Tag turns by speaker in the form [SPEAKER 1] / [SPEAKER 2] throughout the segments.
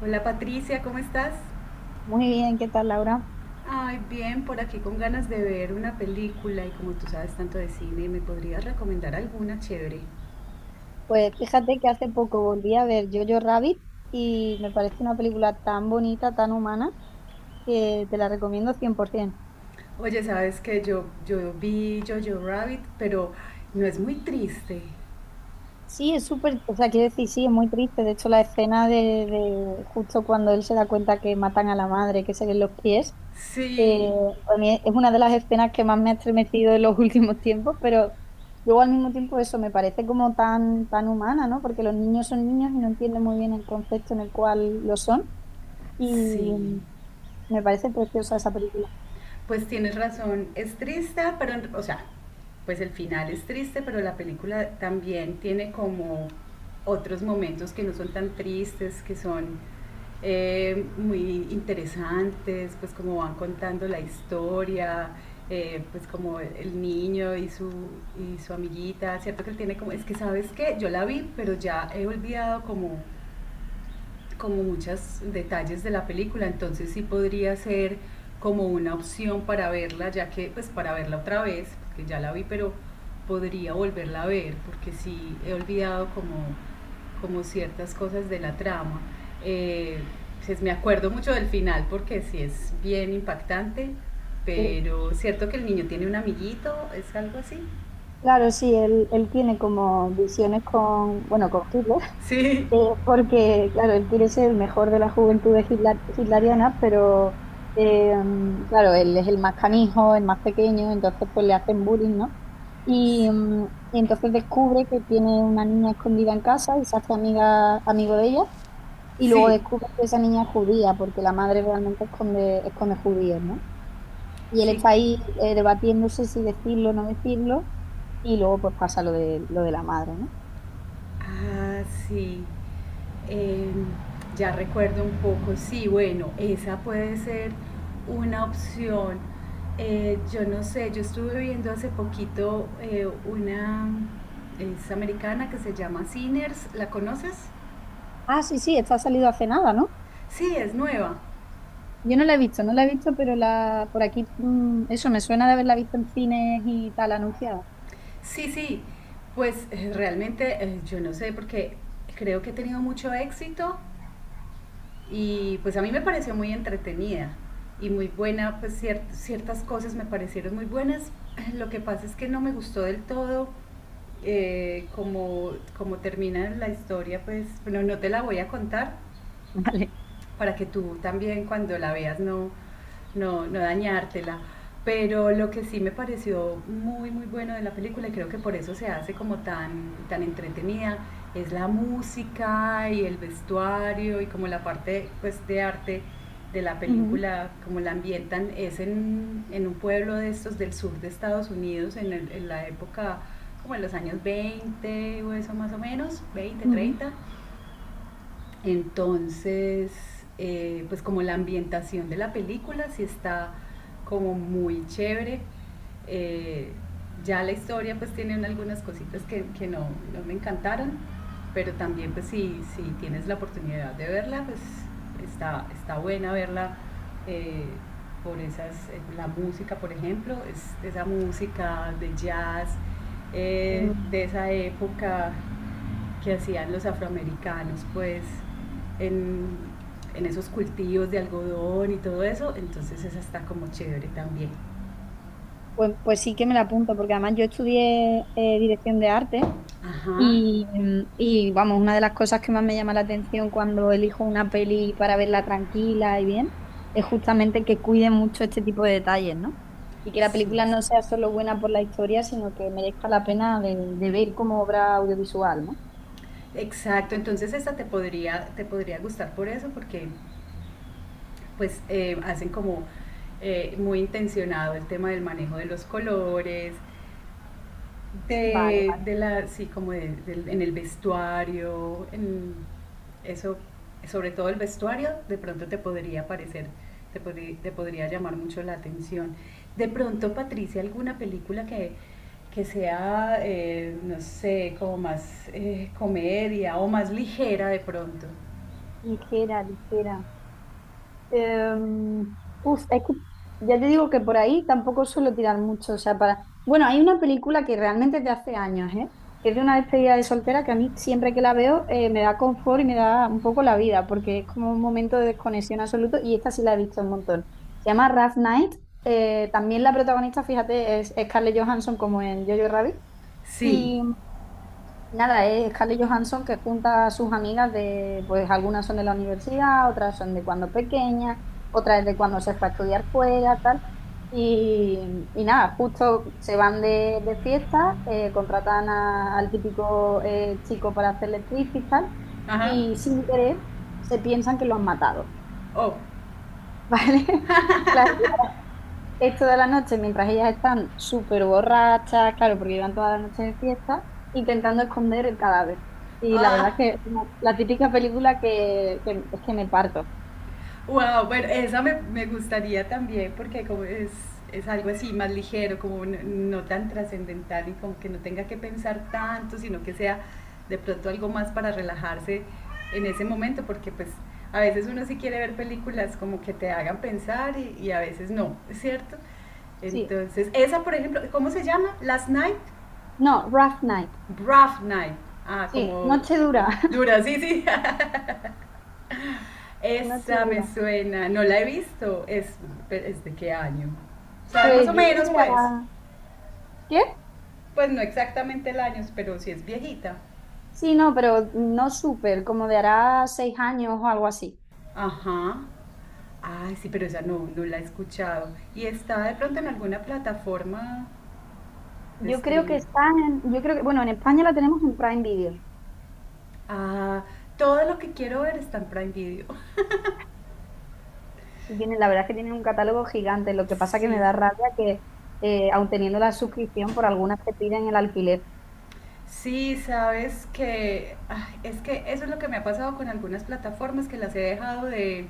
[SPEAKER 1] Hola, Patricia, ¿cómo estás?
[SPEAKER 2] Muy bien, ¿qué tal, Laura?
[SPEAKER 1] Ay, bien, por aquí con ganas de ver una película y como tú sabes tanto de cine, ¿me podrías recomendar alguna chévere?
[SPEAKER 2] Pues fíjate que hace poco volví a ver Jojo Rabbit y me parece una película tan bonita, tan humana, que te la recomiendo 100%.
[SPEAKER 1] Oye, sabes que yo vi Jojo Rabbit, pero no es muy triste.
[SPEAKER 2] Sí, es súper, o sea, quiero decir, sí, es muy triste. De hecho, la escena de justo cuando él se da cuenta que matan a la madre, que se ven los pies, eh,
[SPEAKER 1] Sí,
[SPEAKER 2] a mí es una de las escenas que más me ha estremecido en los últimos tiempos, pero luego al mismo tiempo eso me parece como tan, tan humana, ¿no? Porque los niños son niños y no entienden muy bien el concepto en el cual lo son. Y,
[SPEAKER 1] sí,
[SPEAKER 2] me parece preciosa esa película.
[SPEAKER 1] pues tienes razón, es triste, pero, o sea, pues el final es triste, pero la película también tiene como otros momentos que no son tan tristes, que son muy interesantes, pues como van contando la historia, pues como el niño y su amiguita, ¿cierto? Que él tiene como, es que sabes qué yo la vi, pero ya he olvidado como muchos detalles de la película, entonces sí podría ser como una opción para verla, ya que pues para verla otra vez, porque ya la vi, pero podría volverla a ver, porque sí he olvidado como, como ciertas cosas de la trama. Eh, pues, me acuerdo mucho del final porque sí es bien impactante,
[SPEAKER 2] Sí.
[SPEAKER 1] pero cierto que el niño tiene un amiguito, es algo así.
[SPEAKER 2] Claro, sí, él tiene como visiones con, bueno, con Hitler.
[SPEAKER 1] Sí,
[SPEAKER 2] eh, Porque, claro, él quiere ser el mejor de la juventud de Hitler, hitleriana, pero, eh, claro, él es el más canijo, el más pequeño, entonces pues le hacen bullying, ¿no? Y, y entonces descubre que tiene una niña escondida en casa y se hace amiga, amigo de ella, y luego
[SPEAKER 1] sí, sí.
[SPEAKER 2] descubre que esa niña es judía, porque la madre realmente esconde, esconde judíos, ¿no? Y él
[SPEAKER 1] Sí.
[SPEAKER 2] está ahí debatiéndose si decirlo o no decirlo, y luego pues pasa lo de la madre, ¿no?
[SPEAKER 1] Ah, sí. Eh, ya recuerdo un poco, sí, bueno, esa puede ser una opción. Yo no sé, yo estuve viendo hace poquito una, es americana que se llama Sinners, ¿la conoces?
[SPEAKER 2] Ah, sí, sí, esta ha salido hace nada, ¿no?
[SPEAKER 1] Sí, es nueva.
[SPEAKER 2] Yo no la he visto, no la he visto, pero la por aquí, eso me suena de haberla visto en cines y tal anunciada.
[SPEAKER 1] Sí, sí, pues realmente yo no sé porque creo que ha tenido mucho éxito y pues a mí me pareció muy entretenida y muy buena, pues ciertas cosas me parecieron muy buenas. Lo que pasa es que no me gustó del todo como, como termina la historia, pues bueno, no te la voy a contar,
[SPEAKER 2] Vale.
[SPEAKER 1] para que tú también cuando la veas no, no, no dañártela. Pero lo que sí me pareció muy, muy bueno de la película, y creo que por eso se hace como tan, tan entretenida, es la música y el vestuario y como la parte pues, de arte de la
[SPEAKER 2] Ujú,
[SPEAKER 1] película, como la ambientan, es en un pueblo de estos del sur de Estados Unidos, en, el, en la época como en los años 20 o eso más o menos, 20,
[SPEAKER 2] ujú.
[SPEAKER 1] 30. Entonces, pues como la ambientación de la película sí está como muy chévere. Eh, ya la historia pues tiene algunas cositas que no, no me encantaron, pero también pues si, si tienes la oportunidad de verla, pues está, está buena verla eh, por esas, la música por ejemplo, es, esa música de jazz
[SPEAKER 2] Mm.
[SPEAKER 1] de esa época que hacían los afroamericanos, pues, en, en esos cultivos de algodón y todo eso, entonces esa está como chévere también.
[SPEAKER 2] Pues, pues sí que me la apunto, porque además yo estudié dirección de arte.
[SPEAKER 1] Ajá,
[SPEAKER 2] Y, y vamos, una de las cosas que más me llama la atención cuando elijo una peli para verla tranquila y bien, es justamente que cuide mucho este tipo de detalles, ¿no? Y que la
[SPEAKER 1] sí.
[SPEAKER 2] película no sea solo buena por la historia, sino que merezca la pena de ver como obra audiovisual, ¿no?
[SPEAKER 1] Exacto, entonces esta te podría gustar por eso, porque pues hacen como muy intencionado el tema del manejo de los colores.
[SPEAKER 2] Vale, vale.
[SPEAKER 1] De la, sí, como en el vestuario, en eso, sobre todo el vestuario, de pronto te podría parecer, te, te podría llamar mucho la atención. De pronto, Patricia, alguna película que sea, no sé, como más comedia o más ligera de pronto.
[SPEAKER 2] Ligera, ligera. Em, uf, es que ya te digo que por ahí tampoco suelo tirar mucho. O sea, para. Bueno, hay una película que realmente es de hace años, ¿eh? Que es de una despedida de soltera que a mí siempre que la veo me da confort y me da un poco la vida, porque es como un momento de desconexión absoluto y esta sí la he visto un montón. Se llama Rough Night. También la protagonista, fíjate, es Scarlett Johansson como en Jojo Rabbit.
[SPEAKER 1] Sí,
[SPEAKER 2] Nada, es Scarlett Johansson que junta a sus amigas de, pues algunas son de la universidad, otras son de cuando pequeña, otras de cuando se fue a estudiar fuera, tal. Y nada, justo se van de fiesta, contratan a- al típico chico para hacer actriz y tal,
[SPEAKER 1] ajá,
[SPEAKER 2] y sin querer se piensan que lo han matado,
[SPEAKER 1] oh,
[SPEAKER 2] ¿vale? Claro, esto de la noche, mientras ellas están súper borrachas, claro, porque llevan toda la noche de fiesta, intentando esconder el cadáver. Y la verdad es
[SPEAKER 1] ah,
[SPEAKER 2] que es como la típica película que es que me parto.
[SPEAKER 1] wow, bueno, esa me, me gustaría también porque como es algo así más ligero, como no, no tan trascendental y como que no tenga que pensar tanto, sino que sea de pronto algo más para relajarse en ese momento, porque pues a veces uno sí quiere ver películas como que te hagan pensar y a veces no, ¿cierto?
[SPEAKER 2] Sí.
[SPEAKER 1] Entonces, esa por ejemplo, ¿cómo se llama? Last Night,
[SPEAKER 2] No, Rough Night.
[SPEAKER 1] Rough Night, ah,
[SPEAKER 2] Sí,
[SPEAKER 1] como
[SPEAKER 2] noche dura,
[SPEAKER 1] dura, sí, sí,
[SPEAKER 2] noche
[SPEAKER 1] esa me
[SPEAKER 2] dura.
[SPEAKER 1] suena, no la he visto. Es, ¿es de qué año? ¿Sabes más
[SPEAKER 2] Pues
[SPEAKER 1] o
[SPEAKER 2] yo creo
[SPEAKER 1] menos,
[SPEAKER 2] que
[SPEAKER 1] pues?
[SPEAKER 2] hará... ¿Qué?
[SPEAKER 1] Pues no exactamente el año, pero sí es viejita.
[SPEAKER 2] Sí, no, pero no súper, como de hará 6 años o algo así.
[SPEAKER 1] Ajá. Ay, sí, pero esa no, no la he escuchado. ¿Y está de pronto en alguna plataforma de
[SPEAKER 2] Yo creo que
[SPEAKER 1] streaming?
[SPEAKER 2] está en, yo creo que, bueno, en España la tenemos en Prime Video.
[SPEAKER 1] Ah, todo lo que quiero ver está en Prime Video.
[SPEAKER 2] Y tienen, la verdad es que tienen un catálogo gigante. Lo que pasa que me
[SPEAKER 1] Sí,
[SPEAKER 2] da rabia que, aun teniendo la suscripción, por algunas te piden el alquiler.
[SPEAKER 1] sí, sabes que ay, es que eso es lo que me ha pasado con algunas plataformas que las he dejado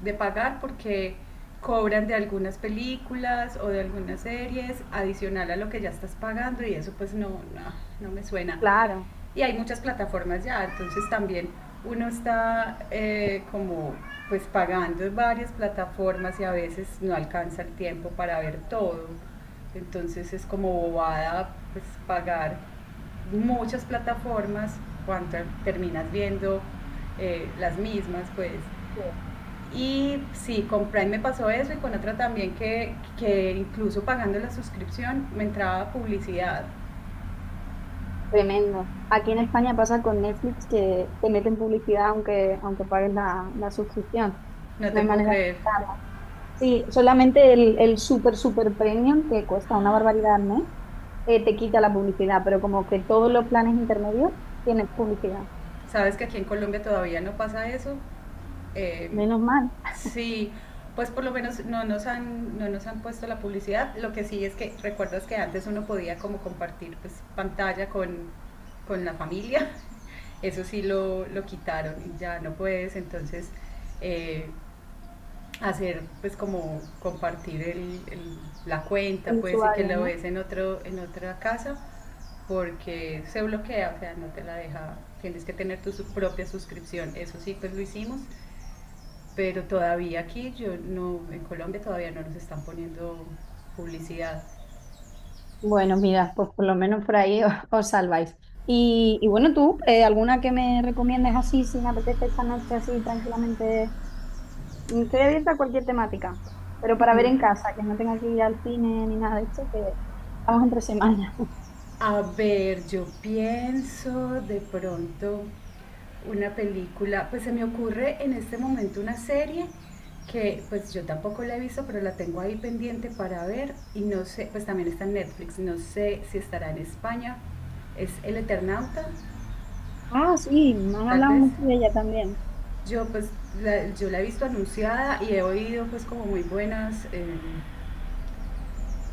[SPEAKER 1] de pagar porque cobran de algunas películas o de algunas series adicional a lo que ya estás pagando y eso pues no, no, no me suena.
[SPEAKER 2] Claro,
[SPEAKER 1] Y hay muchas plataformas ya, entonces también uno está como pues pagando varias plataformas y a veces no alcanza el tiempo para ver todo. Entonces es como bobada pues pagar muchas plataformas cuando terminas viendo las mismas pues.
[SPEAKER 2] sí,
[SPEAKER 1] Y sí, con Prime me pasó eso y con otra también que incluso pagando la suscripción me entraba publicidad.
[SPEAKER 2] tremendo. Aquí en España pasa con Netflix que te meten publicidad aunque, aunque pagues la suscripción.
[SPEAKER 1] No
[SPEAKER 2] No
[SPEAKER 1] te
[SPEAKER 2] hay
[SPEAKER 1] puedo
[SPEAKER 2] manera de
[SPEAKER 1] creer.
[SPEAKER 2] quitarla. Sí, solamente el super, super premium, que cuesta una barbaridad al mes, te quita la publicidad, pero como que todos los planes intermedios tienen publicidad.
[SPEAKER 1] Sabes que aquí en Colombia todavía no pasa eso. Eh,
[SPEAKER 2] Menos mal
[SPEAKER 1] sí, pues por lo menos no nos, han, no nos han puesto la publicidad. Lo que sí es que recuerdas que antes uno podía como compartir pues, pantalla con la familia. Eso sí lo quitaron, ya no puedes. Entonces eh, hacer pues como compartir el, la
[SPEAKER 2] el
[SPEAKER 1] cuenta, puede decir que
[SPEAKER 2] usuario,
[SPEAKER 1] lo
[SPEAKER 2] ¿no?
[SPEAKER 1] ves en otro, en otra casa, porque se bloquea, o sea, no te la deja, tienes que tener tu propia suscripción. Eso sí, pues lo hicimos, pero todavía aquí yo no, en Colombia todavía no nos están poniendo publicidad.
[SPEAKER 2] Bueno, mira, pues por lo menos por ahí os, os salváis. Y bueno, tú, ¿alguna que me recomiendes así, si me apetece esta noche así tranquilamente? Mm, estoy abierta a cualquier temática, pero para ver
[SPEAKER 1] Mm.
[SPEAKER 2] en casa, que no tenga que ir al cine ni nada de esto, que estamos entre semanas.
[SPEAKER 1] A ver, yo pienso de pronto una película, pues se me ocurre en este momento una serie que pues yo tampoco la he visto, pero la tengo ahí pendiente para ver y no sé, pues también está en Netflix, no sé si estará en España, es El Eternauta,
[SPEAKER 2] Ah, sí, me han
[SPEAKER 1] tal
[SPEAKER 2] hablado
[SPEAKER 1] vez.
[SPEAKER 2] mucho de ella también.
[SPEAKER 1] Yo pues yo la he visto anunciada y he oído pues como muy buenas,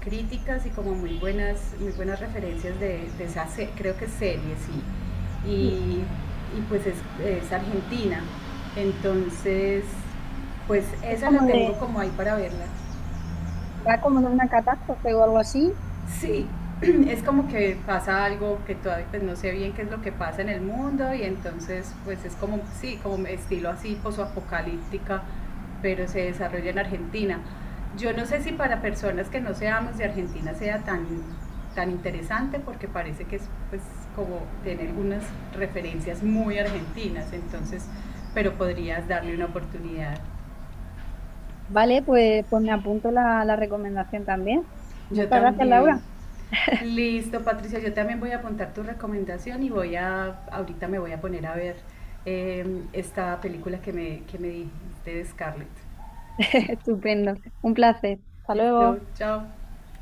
[SPEAKER 1] críticas y como muy buenas referencias de esa, creo que serie, sí.
[SPEAKER 2] Sí,
[SPEAKER 1] Y pues es argentina. Entonces, pues
[SPEAKER 2] es
[SPEAKER 1] esa la
[SPEAKER 2] como
[SPEAKER 1] tengo
[SPEAKER 2] de,
[SPEAKER 1] como ahí para verla.
[SPEAKER 2] va como de una catástrofe o algo así.
[SPEAKER 1] Sí, es como que pasa algo que todavía pues, no sé bien qué es lo que pasa en el mundo y entonces pues es como, sí, como estilo así posoapocalíptica, pero se desarrolla en Argentina. Yo no sé si para personas que no seamos de Argentina sea tan, tan interesante porque parece que es pues como tener algunas referencias muy argentinas, entonces, pero podrías darle una oportunidad.
[SPEAKER 2] Vale, pues, pues me apunto la, la recomendación también.
[SPEAKER 1] Yo
[SPEAKER 2] Muchas gracias,
[SPEAKER 1] también.
[SPEAKER 2] Laura.
[SPEAKER 1] Listo, Patricia, yo también voy a apuntar tu recomendación y voy a, ahorita me voy a poner a ver eh, esta película que me dijiste de Scarlett.
[SPEAKER 2] Estupendo. Un placer. Hasta
[SPEAKER 1] Listo,
[SPEAKER 2] luego.
[SPEAKER 1] chao.